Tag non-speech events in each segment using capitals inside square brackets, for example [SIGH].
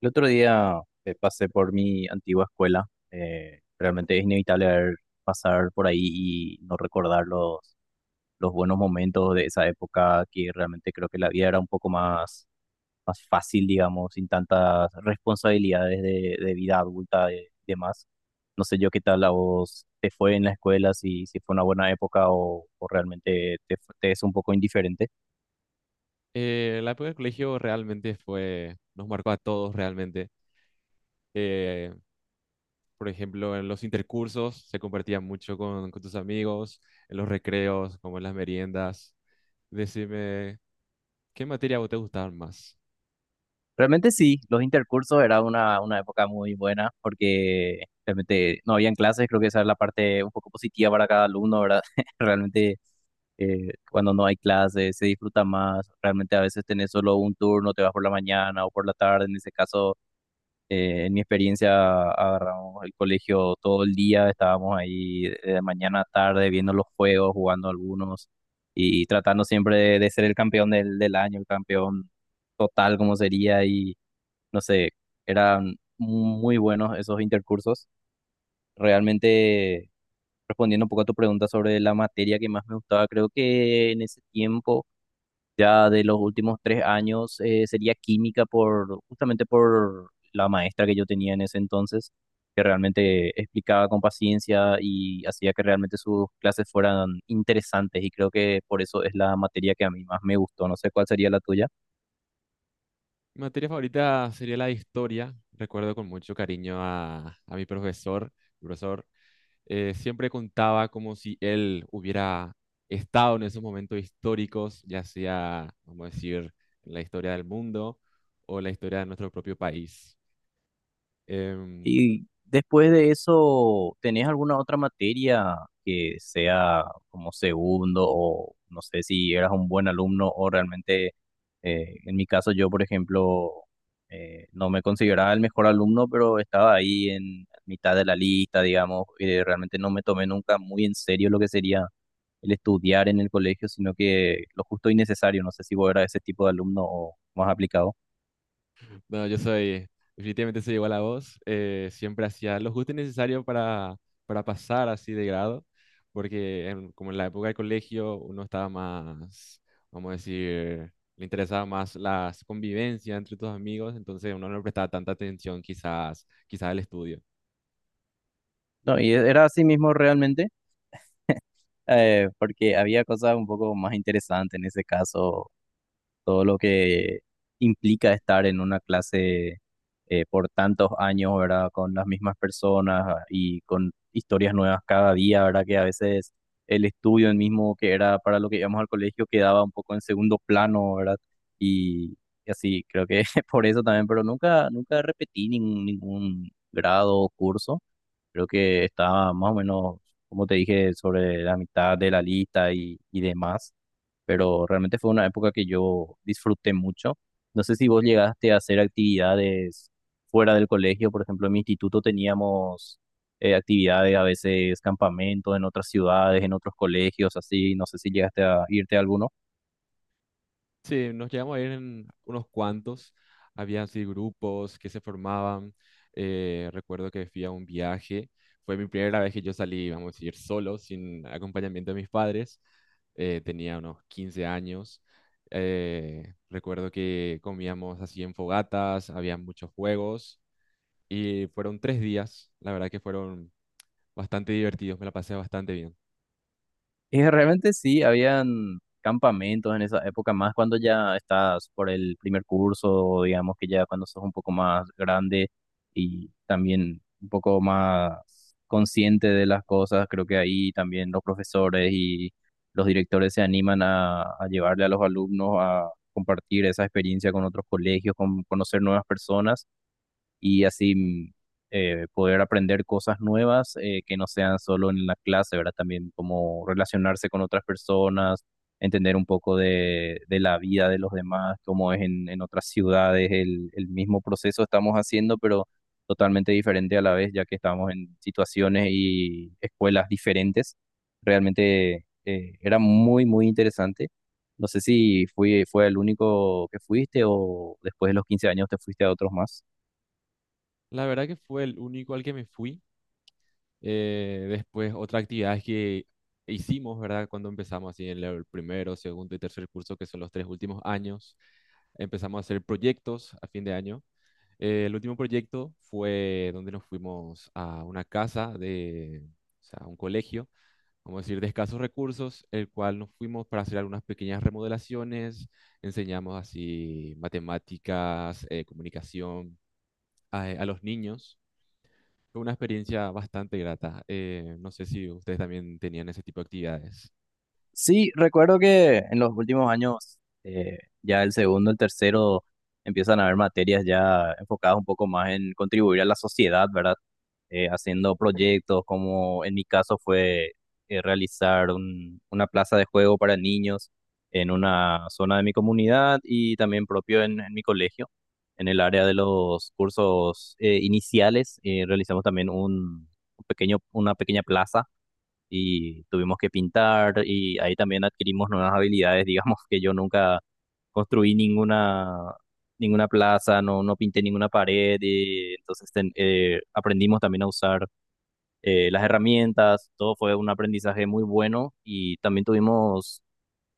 El otro día pasé por mi antigua escuela. Realmente es inevitable pasar por ahí y no recordar los buenos momentos de esa época que realmente creo que la vida era un poco más fácil, digamos, sin tantas responsabilidades de vida adulta y demás. No sé yo qué tal a vos te fue en la escuela, si fue una buena época o realmente te es un poco indiferente. La época del colegio realmente fue, nos marcó a todos realmente. Eh, por ejemplo, en los intercursos se compartía mucho con tus amigos, en los recreos, como en las meriendas. Decime, ¿qué materia a vos te gustaba más? Realmente sí, los intercursos era una época muy buena porque realmente no habían clases, creo que esa es la parte un poco positiva para cada alumno, ¿verdad? [LAUGHS] Realmente, cuando no hay clases se disfruta más, realmente a veces tenés solo un turno, te vas por la mañana o por la tarde, en ese caso, en mi experiencia agarramos el colegio todo el día, estábamos ahí de mañana a tarde viendo los juegos, jugando algunos y tratando siempre de ser el campeón del año, el campeón total como sería y no sé, eran muy buenos esos intercursos. Realmente, respondiendo un poco a tu pregunta sobre la materia que más me gustaba, creo que en ese tiempo, ya de los últimos 3 años, sería química por, justamente por la maestra que yo tenía en ese entonces, que realmente explicaba con paciencia y hacía que realmente sus clases fueran interesantes y creo que por eso es la materia que a mí más me gustó. No sé cuál sería la tuya. Mi materia favorita sería la de historia. Recuerdo con mucho cariño a mi profesor, profesor, siempre contaba como si él hubiera estado en esos momentos históricos, ya sea, vamos a decir, en la historia del mundo o la historia de nuestro propio país. Em, Y después de eso, ¿tenés alguna otra materia que sea como segundo o no sé si eras un buen alumno o realmente, en mi caso yo, por ejemplo, no me consideraba el mejor alumno, pero estaba ahí en mitad de la lista, digamos, y realmente no me tomé nunca muy en serio lo que sería el estudiar en el colegio, sino que lo justo y necesario. No sé si vos eras ese tipo de alumno o más aplicado. No, definitivamente soy igual a vos. Siempre hacía lo justo y necesario para pasar así de grado, porque como en la época del colegio uno estaba más, vamos a decir, le interesaba más la convivencia entre tus amigos, entonces uno no le prestaba tanta atención quizás al estudio. No, y era así mismo realmente. Porque había cosas un poco más interesantes en ese caso, todo lo que implica estar en una clase por tantos años, ¿verdad? Con las mismas personas ah, y con historias nuevas cada día, ¿verdad? Que a veces el estudio el mismo que era para lo que íbamos al colegio quedaba un poco en segundo plano, ¿verdad? Y, y así, creo que [LAUGHS] por eso también, pero nunca repetí ningún grado o curso. Creo que estaba más o menos, como te dije, sobre la mitad de la lista y demás, pero realmente fue una época que yo disfruté mucho. No sé si vos llegaste a hacer actividades fuera del colegio, por ejemplo, en mi instituto teníamos actividades, a veces campamentos en otras ciudades, en otros colegios, así, no sé si llegaste a irte a alguno. Sí, nos llegamos a ir en unos cuantos. Había así grupos que se formaban. Recuerdo que fui a un viaje. Fue mi primera vez que yo salí, vamos a decir, solo, sin acompañamiento de mis padres. Tenía unos 15 años. Recuerdo que comíamos así en fogatas, había muchos juegos y fueron 3 días. La verdad que fueron bastante divertidos, me la pasé bastante bien. Y realmente sí, habían campamentos en esa época, más cuando ya estás por el primer curso, digamos que ya cuando sos un poco más grande y también un poco más consciente de las cosas, creo que ahí también los profesores y los directores se animan a llevarle a los alumnos a compartir esa experiencia con otros colegios, con conocer nuevas personas y así poder aprender cosas nuevas que no sean solo en la clase, ¿verdad? También como relacionarse con otras personas, entender un poco de la vida de los demás, cómo es en otras ciudades, el mismo proceso estamos haciendo, pero totalmente diferente a la vez, ya que estamos en situaciones y escuelas diferentes. Realmente, era muy interesante. No sé si fue el único que fuiste o después de los 15 años te fuiste a otros más. La verdad que fue el único al que me fui. Después, otras actividades que hicimos, ¿verdad? Cuando empezamos así en el primero, segundo y tercer curso, que son los 3 últimos años, empezamos a hacer proyectos a fin de año. El último proyecto fue donde nos fuimos a una casa de, o sea, a un colegio, vamos a decir, de escasos recursos, el cual nos fuimos para hacer algunas pequeñas remodelaciones, enseñamos así matemáticas, comunicación a los niños. Fue una experiencia bastante grata. No sé si ustedes también tenían ese tipo de actividades. Sí, recuerdo que en los últimos años, ya el segundo, el tercero, empiezan a haber materias ya enfocadas un poco más en contribuir a la sociedad, ¿verdad? Haciendo proyectos, como en mi caso fue eh, realizar una plaza de juego para niños en una zona de mi comunidad y también propio en mi colegio. En el área de los cursos iniciales, realizamos también un pequeño, una pequeña plaza y tuvimos que pintar y ahí también adquirimos nuevas habilidades, digamos [LAUGHS] que yo nunca construí ninguna plaza, no pinté ninguna pared, y entonces aprendimos también a usar las herramientas, todo fue un aprendizaje muy bueno y también tuvimos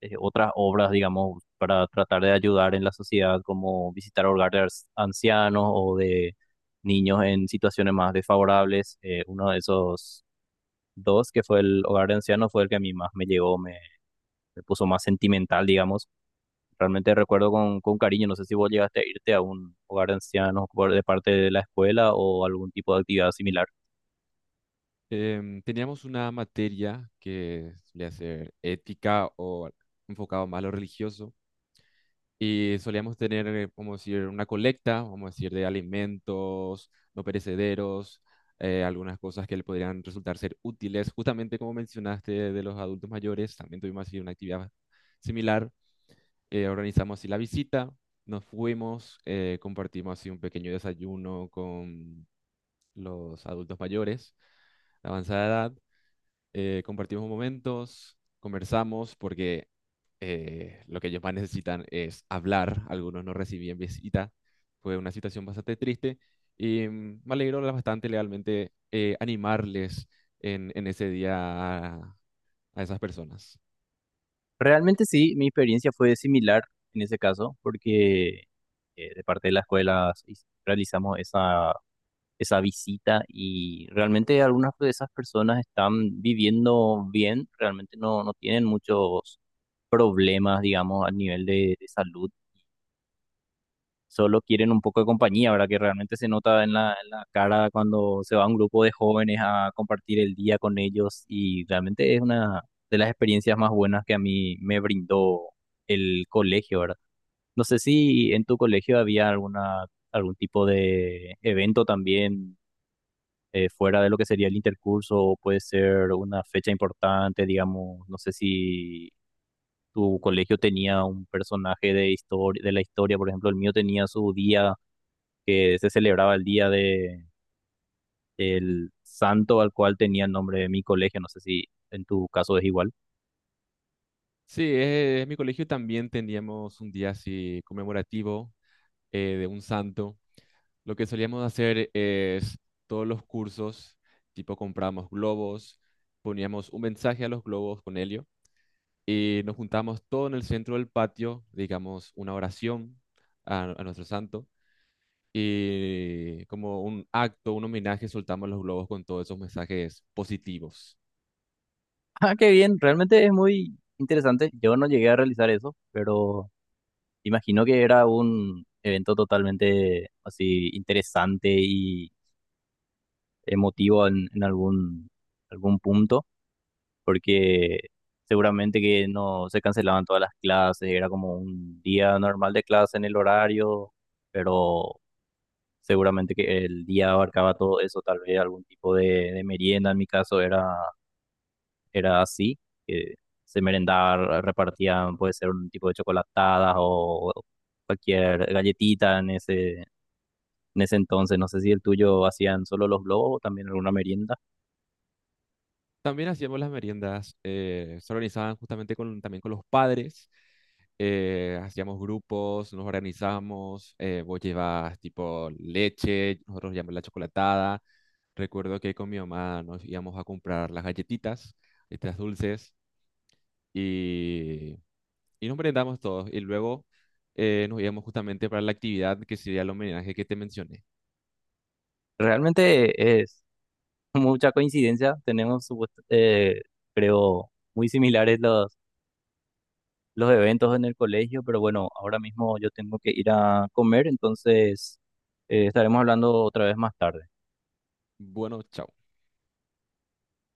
otras obras, digamos, para tratar de ayudar en la sociedad, como visitar hogares ancianos o de niños en situaciones más desfavorables. Uno de esos Dos, que fue el hogar de ancianos, fue el que a mí más me llegó, me puso más sentimental, digamos. Realmente recuerdo con cariño, no sé si vos llegaste a irte a un hogar de ancianos de parte de la escuela o algún tipo de actividad similar. Teníamos una materia que solía ser ética o enfocado más a lo religioso y solíamos tener, vamos a decir, una colecta, vamos a decir, de alimentos no perecederos, algunas cosas que le podrían resultar ser útiles. Justamente como mencionaste de los adultos mayores, también tuvimos así una actividad similar. Organizamos así la visita, nos fuimos, compartimos así un pequeño desayuno con los adultos mayores de avanzada edad, compartimos momentos, conversamos porque lo que ellos más necesitan es hablar, algunos no recibían visita, fue una situación bastante triste y me alegró bastante legalmente animarles en ese día a, a esas personas. Realmente sí, mi experiencia fue similar en ese caso, porque de parte de la escuela realizamos esa visita y realmente algunas de esas personas están viviendo bien, realmente no tienen muchos problemas, digamos, a nivel de salud solo quieren un poco de compañía, ¿verdad? Que realmente se nota en en la cara cuando se va un grupo de jóvenes a compartir el día con ellos y realmente es una de las experiencias más buenas que a mí me brindó el colegio, ¿verdad? No sé si en tu colegio había algún tipo de evento también fuera de lo que sería el intercurso o puede ser una fecha importante, digamos, no sé si... Tu colegio tenía un personaje de historia, de la historia, por ejemplo, el mío tenía su día que se celebraba el día de el santo al cual tenía el nombre de mi colegio. No sé si en tu caso es igual. [LAUGHS] Sí, en mi colegio también teníamos un día así conmemorativo, de un santo, lo que solíamos hacer es todos los cursos, tipo compramos globos, poníamos un mensaje a los globos con helio y nos juntamos todo en el centro del patio, digamos una oración a nuestro santo y como un acto, un homenaje, soltamos los globos con todos esos mensajes positivos. Ah, qué bien, realmente es muy interesante. Yo no llegué a realizar eso, pero imagino que era un evento totalmente así interesante y emotivo en algún, algún punto, porque seguramente que no se cancelaban todas las clases, era como un día normal de clase en el horario, pero seguramente que el día abarcaba todo eso, tal vez algún tipo de merienda, en mi caso era así, que se merendaba, repartían, puede ser un tipo de chocolatadas o cualquier galletita en en ese entonces. No sé si el tuyo hacían solo los globos o también alguna merienda. También hacíamos las meriendas, se organizaban justamente también con los padres, hacíamos grupos, nos organizamos, vos llevas tipo leche, nosotros llevamos la chocolatada. Recuerdo que con mi mamá nos íbamos a comprar las galletitas, estas dulces, y, y nos merendamos todos. Y luego nos íbamos justamente para la actividad que sería el homenaje que te mencioné. Realmente es [LAUGHS] mucha coincidencia, creo, muy similares los eventos en el colegio, pero bueno, ahora mismo yo tengo que ir a comer, entonces estaremos hablando otra vez más tarde. Bueno, chao.